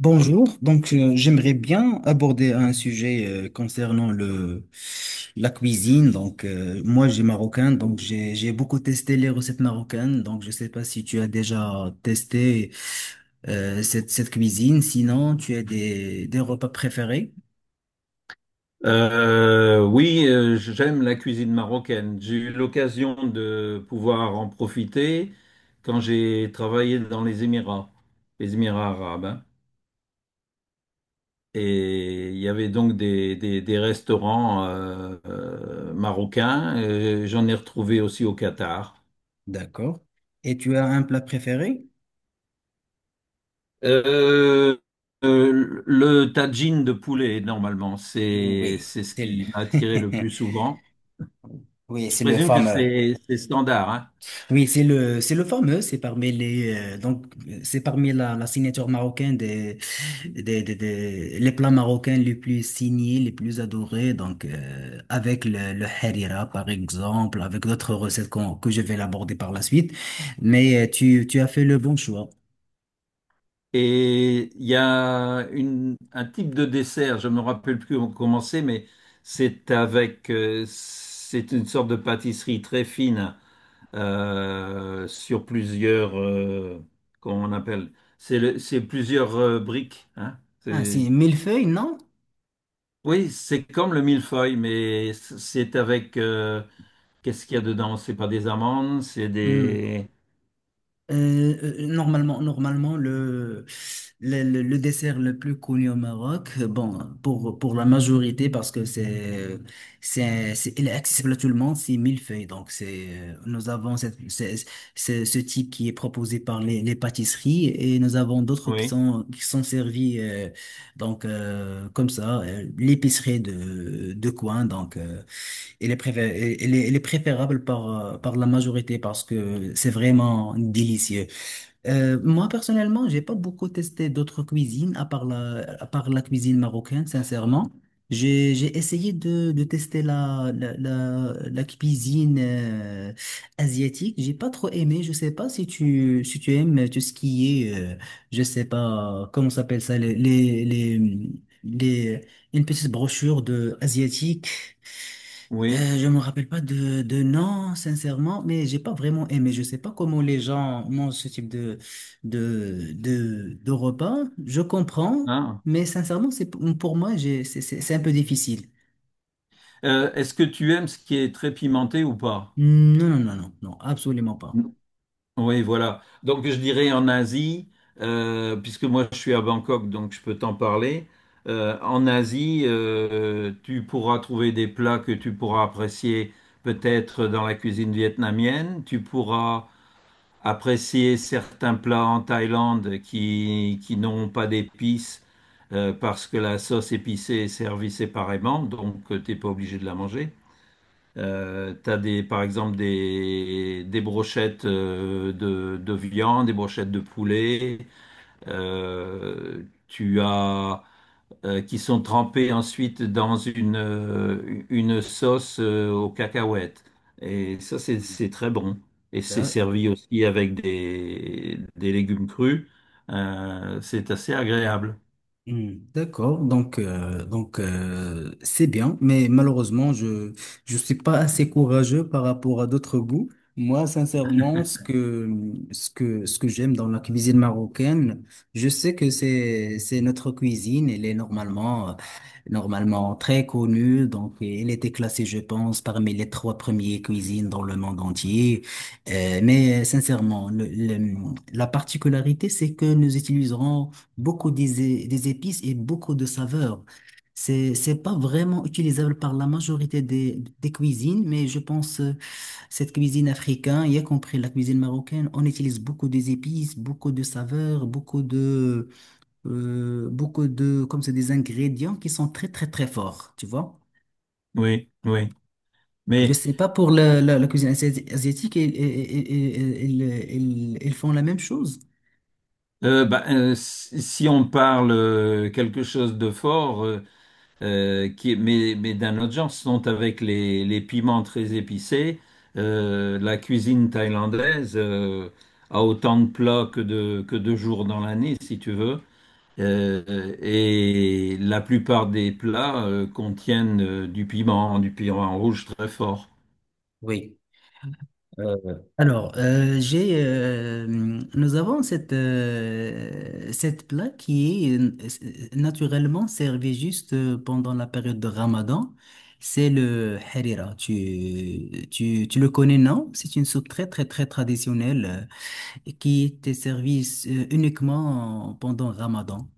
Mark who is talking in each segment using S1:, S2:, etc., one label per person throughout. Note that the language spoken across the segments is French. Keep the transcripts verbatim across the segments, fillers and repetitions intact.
S1: Bonjour, donc euh, j'aimerais bien aborder un sujet euh, concernant le la cuisine. Donc euh, moi j'ai marocain, donc j'ai j'ai beaucoup testé les recettes marocaines. Donc je sais pas si tu as déjà testé euh, cette cette cuisine. Sinon tu as des des repas préférés.
S2: Euh, oui, euh, J'aime la cuisine marocaine. J'ai eu l'occasion de pouvoir en profiter quand j'ai travaillé dans les Émirats, les Émirats arabes, hein. Et il y avait donc des, des- des restaurants euh, euh, marocains. Euh, J'en ai retrouvé aussi au Qatar.
S1: D'accord? Et tu as un plat préféré?
S2: Euh, euh, le tagine de poulet, normalement, c'est
S1: Oui,
S2: c'est ce
S1: c'est le
S2: qui m'a attiré le plus souvent.
S1: oui,
S2: Je
S1: c'est le
S2: présume que
S1: fameux.
S2: c'est c'est standard, hein.
S1: Oui, c'est le, c'est le fameux, c'est parmi les, euh, donc, euh, c'est parmi la, la signature marocaine des, des, des, des- les plats marocains les plus signés, les plus adorés, donc, euh, avec le, le harira, par exemple, avec d'autres recettes qu'on- que je vais l'aborder par la suite. Mais euh, tu, tu as fait le bon choix.
S2: Et il y a une- un type de dessert, je me rappelle plus comment c'est, mais c'est avec, euh, c'est une sorte de pâtisserie très fine euh, sur plusieurs, euh, comment on appelle, c'est le- c'est plusieurs euh, briques, hein.
S1: Ah,
S2: C'est-
S1: c'est millefeuille, non?
S2: oui, c'est comme le millefeuille, mais c'est avec, euh, qu'est-ce qu'il y a dedans? C'est pas des amandes, c'est
S1: Hmm.
S2: des,
S1: Euh, euh, euh, normalement, normalement le, le, le- le dessert le plus connu au Maroc, euh, bon, pour, pour la majorité, parce que c'est, c'est, c'est- il est accessible à tout le monde, c'est millefeuille. Donc, c'est, euh, nous avons cette, c'est- c'est- ce type qui est proposé par les, les pâtisseries et nous avons d'autres qui
S2: oui,
S1: sont, qui sont servis, euh, donc, euh, comme ça, euh, l'épicerie de, de coin. Donc, euh, il est préfé- il est, il est préférable par, euh, par la majorité parce que c'est vraiment délicieux. Euh, moi, personnellement, j'ai pas beaucoup testé d'autres cuisines à part la, à part la cuisine marocaine, sincèrement. J'ai, j'ai essayé de, de tester la, la, la, la cuisine euh, asiatique. J'ai pas trop aimé. Je sais pas si tu, si tu aimes euh, tout ce qui est, euh, je sais pas, comment s'appelle ça, les, les, les, les- une petite brochure de asiatique.
S2: oui,
S1: Euh, je me rappelle pas de, de nom, sincèrement, mais j'ai pas vraiment aimé. Je sais pas comment les gens mangent ce type de, de, de, de repas. Je comprends,
S2: hein.
S1: mais sincèrement, c'est, pour moi, j'ai, c'est, c'est c'est un peu difficile.
S2: Euh, est-ce que tu aimes ce qui est très pimenté ou pas?
S1: Non, non, non, non, non, absolument pas.
S2: Oui, voilà. Donc je dirais en Asie, euh, puisque moi je suis à Bangkok, donc je peux t'en parler. Euh, en Asie, euh, tu pourras trouver des plats que tu pourras apprécier peut-être dans la cuisine vietnamienne. Tu pourras apprécier certains plats en Thaïlande qui, qui n'ont pas d'épices euh, parce que la sauce épicée est servie séparément, donc tu n'es pas obligé de la manger. Euh, t'as des, par exemple des, des brochettes euh, de, de viande, des brochettes de poulet. Euh, tu as euh, Qui sont trempées ensuite dans une euh, une sauce euh, aux cacahuètes. Et ça c'est c'est très bon. Et c'est
S1: Mm.
S2: servi aussi avec des des légumes crus. Euh, c'est assez agréable.
S1: Hmm. D'accord, donc euh, donc euh, c'est bien, mais malheureusement je je suis pas assez courageux par rapport à d'autres goûts. Moi, sincèrement, ce que ce que ce que j'aime dans la cuisine marocaine, je sais que c'est c'est notre cuisine. Elle est normalement euh, normalement très connue, donc elle était classée, je pense, parmi les trois premières cuisines dans le monde entier. Euh, mais euh, sincèrement, le- le- la particularité, c'est que nous utiliserons beaucoup des, des épices et beaucoup de saveurs. C'est, c'est pas vraiment utilisable par la majorité des, des cuisines, mais je pense euh, cette cuisine africaine, y compris la cuisine marocaine, on utilise beaucoup des épices, beaucoup de saveurs, beaucoup de, euh, beaucoup de, comme c'est des ingrédients qui sont très très très forts, tu vois?
S2: Oui, oui.
S1: Je
S2: Mais
S1: sais pas pour la, la, la cuisine asiati- asiatique, ils, ils, ils, ils ils font la même chose.
S2: euh, bah, euh, si si on parle euh, quelque chose de fort, euh, euh, qui, mais, mais d'un autre genre, ce sont avec les, les piments très épicés. Euh, la cuisine thaïlandaise euh, a autant de plats que de, que de jours dans l'année, si tu veux. Euh, et la plupart des plats euh, contiennent euh, du piment, du piment rouge très fort.
S1: Oui. Euh, Alors, euh, j'ai, euh, nous avons cette, euh, cette plat qui est euh, naturellement servi juste euh, pendant la période de Ramadan. C'est le harira. Tu, tu, tu le connais, non? C'est une soupe très, très, très traditionnelle euh, et qui était servie euh, uniquement pendant Ramadan.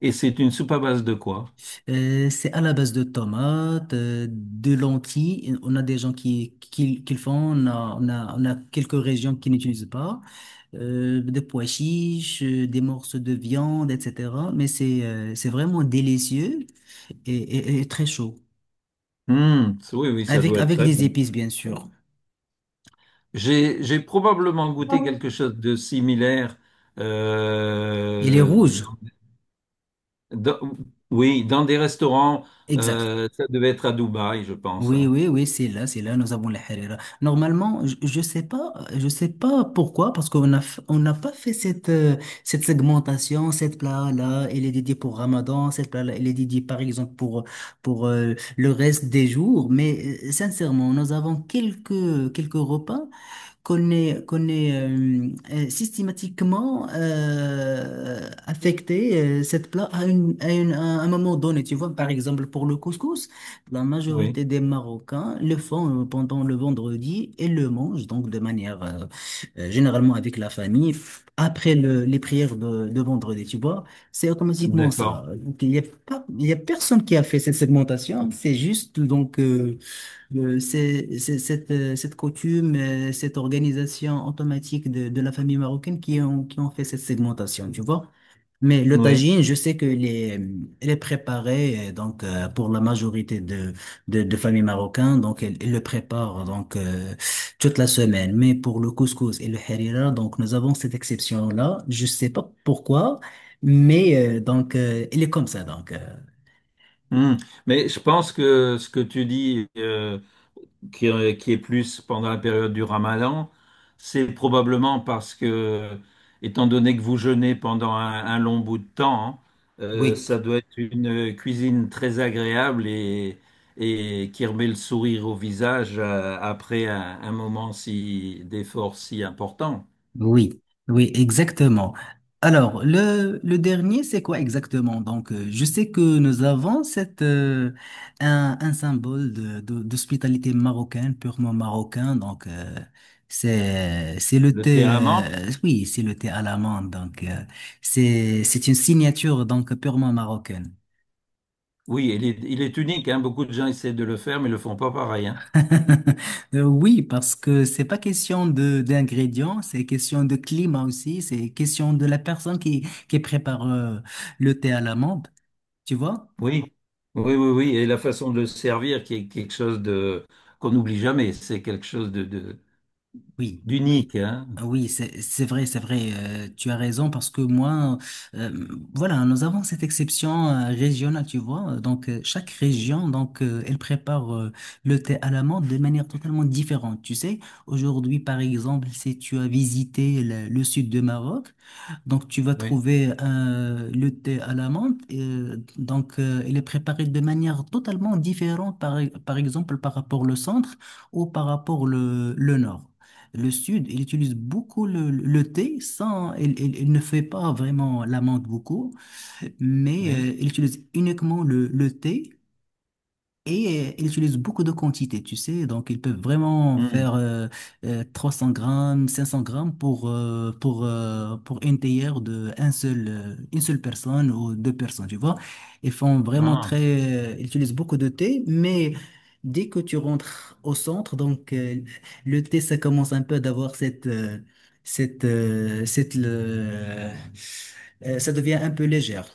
S2: Et c'est une soupe à base de quoi?
S1: Euh, c'est à la base de tomates, euh, de lentilles. On a des gens qui, qui, qui le font. On a, on a, on a quelques régions qui n'utilisent pas, euh, des pois chiches, euh, des morceaux de viande, et cetera. Mais c'est euh, c'est vraiment délicieux et, et- et très chaud.
S2: Hmm, oui, oui, ça
S1: Avec,
S2: doit être
S1: avec
S2: très
S1: des
S2: bon.
S1: épices, bien sûr.
S2: J'ai, j'ai probablement goûté quelque chose de similaire,
S1: Et les
S2: euh,
S1: rouges,
S2: Dans- oui, dans des restaurants,
S1: exact.
S2: euh, ça devait être à Dubaï, je pense,
S1: Oui,
S2: hein.
S1: oui, oui, c'est là, c'est là, nous avons les harira. Normalement, je, je sais pas, je sais pas pourquoi, parce qu'on a, f- on n'a pas fait cette, euh, cette segmentation, cette plat-là, elle est dédiée pour Ramadan, cette plat-là, elle est dédiée, par exemple, pour, pour euh, le reste des jours. Mais euh, sincèrement, nous avons quelques, quelques repas qu'on est, qu'on est euh, euh, systématiquement euh, affecté euh, cette plat à, une- à une- à un moment donné. Tu vois, par exemple, pour le couscous, la
S2: Oui,
S1: majorité des Marocains le font euh, pendant le vendredi et le mangent, donc de manière euh, euh, généralement avec la famille, après le- les prières de, de vendredi. Tu vois, c'est automatiquement
S2: d'accord.
S1: ça. Donc, il n'y a pas, il y a personne qui a fait cette segmentation. C'est juste donc. euh, euh, c'est c'est cette, euh, cette coutume, euh, cette organisation automatique de, de la famille marocaine qui ont, qui ont fait cette segmentation, tu vois. Mais le
S2: Oui.
S1: tagine, je sais qu'elle est, elle est préparée euh, donc, euh, pour la majorité de, de, de familles marocaines, donc elle, elle le prépare donc, euh, toute la semaine. Mais pour le couscous et le harira, donc nous avons cette exception-là. Je sais pas pourquoi, mais euh, donc, euh, elle est comme ça. Donc, euh,
S2: Hmm. Mais je pense que ce que tu dis euh, qui, euh, qui est plus pendant la période du Ramadan, c'est probablement parce que, étant donné que vous jeûnez pendant un, un long bout de temps, hein, euh,
S1: oui.
S2: ça doit être une euh, cuisine très agréable et, et qui remet le sourire au visage euh, après un, un moment si, d'effort si important.
S1: Oui, oui, exactement. Alors, le, le dernier, c'est quoi exactement? Donc, euh, je sais que nous avons cette, euh, un, un symbole de, de- d'hospitalité marocaine, purement marocain. Donc, euh, c'est, c'est le
S2: Le thé
S1: thé,
S2: à la menthe,
S1: euh, oui, c'est le thé à l'amande. Donc, euh, c'est, c'est une signature donc purement marocaine.
S2: oui, il est, il est unique, hein. Beaucoup de gens essaient de le faire, mais ne le font pas pareil, hein.
S1: Euh, Oui, parce que c'est pas question de d'ingrédients, c'est question de climat aussi, c'est question de la personne qui, qui prépare euh, le thé à l'amande, tu vois?
S2: Oui, oui, oui, oui. Et la façon de le servir qui est quelque chose de qu'on n'oublie jamais. C'est quelque chose de, de-
S1: Oui, oui.
S2: d'unique, hein.
S1: Ah, oui, c'est c'est vrai, c'est vrai, euh, tu as raison parce que moi, euh, voilà, nous avons cette exception euh, régionale, tu vois. Donc, euh, chaque région, donc, euh, elle prépare euh, le thé à la menthe de manière totalement différente. Tu sais, aujourd'hui, par exemple, si tu as visité le, le sud du Maroc, donc tu vas
S2: Oui,
S1: trouver euh, le thé à la menthe. euh, donc, euh, il est préparé de manière totalement différente, par, par exemple, par rapport au centre ou par rapport le, le nord. Le Sud, il utilise beaucoup le, le thé, sans, il, il- il ne fait pas vraiment l'amande beaucoup, mais
S2: oui.
S1: euh, il utilise uniquement le, le thé. Et euh, ils utilisent beaucoup de quantités, tu sais, donc ils peuvent vraiment faire
S2: Hmm.
S1: euh, euh, trois cents grammes, cinq cents grammes pour, euh, pour, euh, pour une théière de un seul, euh, une seule personne ou deux personnes, tu vois. Ils font vraiment
S2: Ah.
S1: très, euh, ils utilisent beaucoup de thé, mais dès que tu rentres au centre, donc euh, le thé, ça commence un peu d'avoir cette, euh, cette, euh, cette, le- euh, ça devient un peu légère.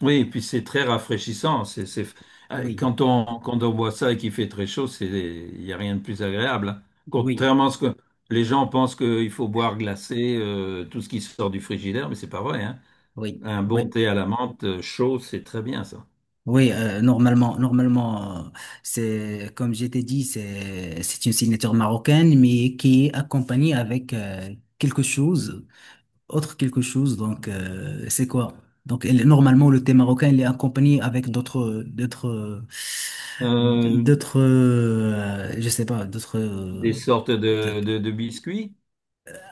S2: Oui, et puis c'est très rafraîchissant. C'est, c'est... euh,
S1: Oui,
S2: Quand on, quand on boit ça et qu'il fait très chaud, c'est, il n'y a rien de plus agréable, hein.
S1: oui,
S2: Contrairement à ce que les gens pensent qu'il faut boire glacé, euh, tout ce qui sort du frigidaire, mais c'est pas vrai, hein.
S1: oui.
S2: Un bon
S1: Oui,
S2: thé à la menthe euh, chaud, c'est très bien ça.
S1: oui, euh, normalement, normalement, euh, c'est comme je t'ai dit, c'est c'est une signature marocaine, mais qui est accompagnée avec euh, quelque chose, autre quelque chose. Donc, euh, c'est quoi? Donc, elle- normalement, le thé marocain, il est accompagné avec d'autres, d'autres,
S2: Euh,
S1: d'autres, euh, je sais pas, d'autres. euh,
S2: des sortes
S1: d'autres-
S2: de, de, de biscuits.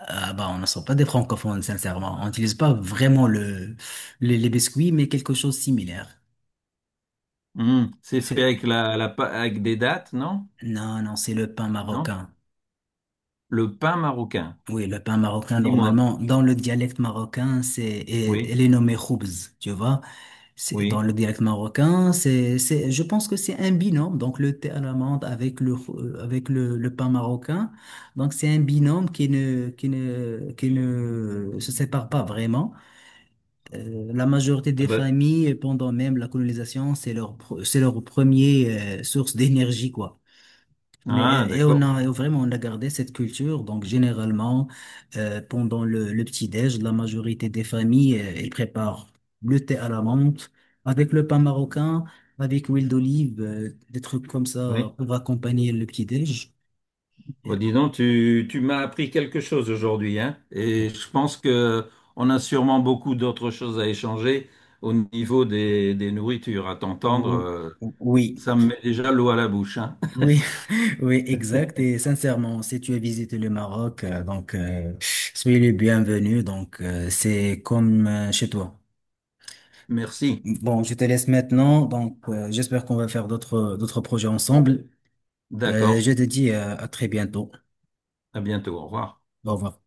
S1: Ah bah, on ne sort pas des francophones, sincèrement. On n'utilise pas vraiment le, le- les biscuits, mais quelque chose de similaire.
S2: Mhm. C'est fait avec, la, la, pa- avec des dattes, non?
S1: Non, non, c'est le pain
S2: Non?
S1: marocain.
S2: Le pain marocain.
S1: Oui, le pain marocain,
S2: Dis-moi.
S1: normalement, dans le dialecte marocain, c'est, et-
S2: Oui,
S1: elle est nommée khoubz, tu vois. C'est, dans
S2: oui.
S1: le dialecte marocain, c'est, c'est, je pense que c'est un binôme, donc le thé à l'amande avec le, khou- euh, avec le, le pain marocain. Donc, c'est un binôme qui ne, qui ne, qui ne se sépare pas vraiment. Euh, la majorité
S2: Ah,
S1: des
S2: bah,
S1: familles, pendant même la colonisation, c'est leur, pr- c'est leur premier, euh, source d'énergie, quoi. Mais, euh,
S2: ah,
S1: et on
S2: d'accord.
S1: a et vraiment on a gardé cette culture. Donc généralement euh, pendant le, le petit-déj, la majorité des familles euh, elles préparent le thé à la menthe avec le pain marocain, avec l'huile d'olive, euh, des trucs comme ça
S2: Oui.
S1: pour accompagner le petit-déj. Euh,
S2: Bon, dis donc, tu, tu m'as appris quelque chose aujourd'hui, hein? Et je pense que on a sûrement beaucoup d'autres choses à échanger au niveau des, des nourritures. À t'entendre,
S1: ou-
S2: euh,
S1: Oui,
S2: ça me met déjà l'eau à la bouche, hein?
S1: oui, oui, exact. Et sincèrement, si tu as visité le Maroc, euh, donc euh, soyez le bienvenu. Donc euh, c'est comme euh, chez toi.
S2: Merci.
S1: Bon, je te laisse maintenant. Donc, euh, j'espère qu'on va faire d'autres d'autres projets ensemble. Euh,
S2: D'accord.
S1: je te dis euh, à très bientôt.
S2: À bientôt. Au revoir.
S1: Au revoir.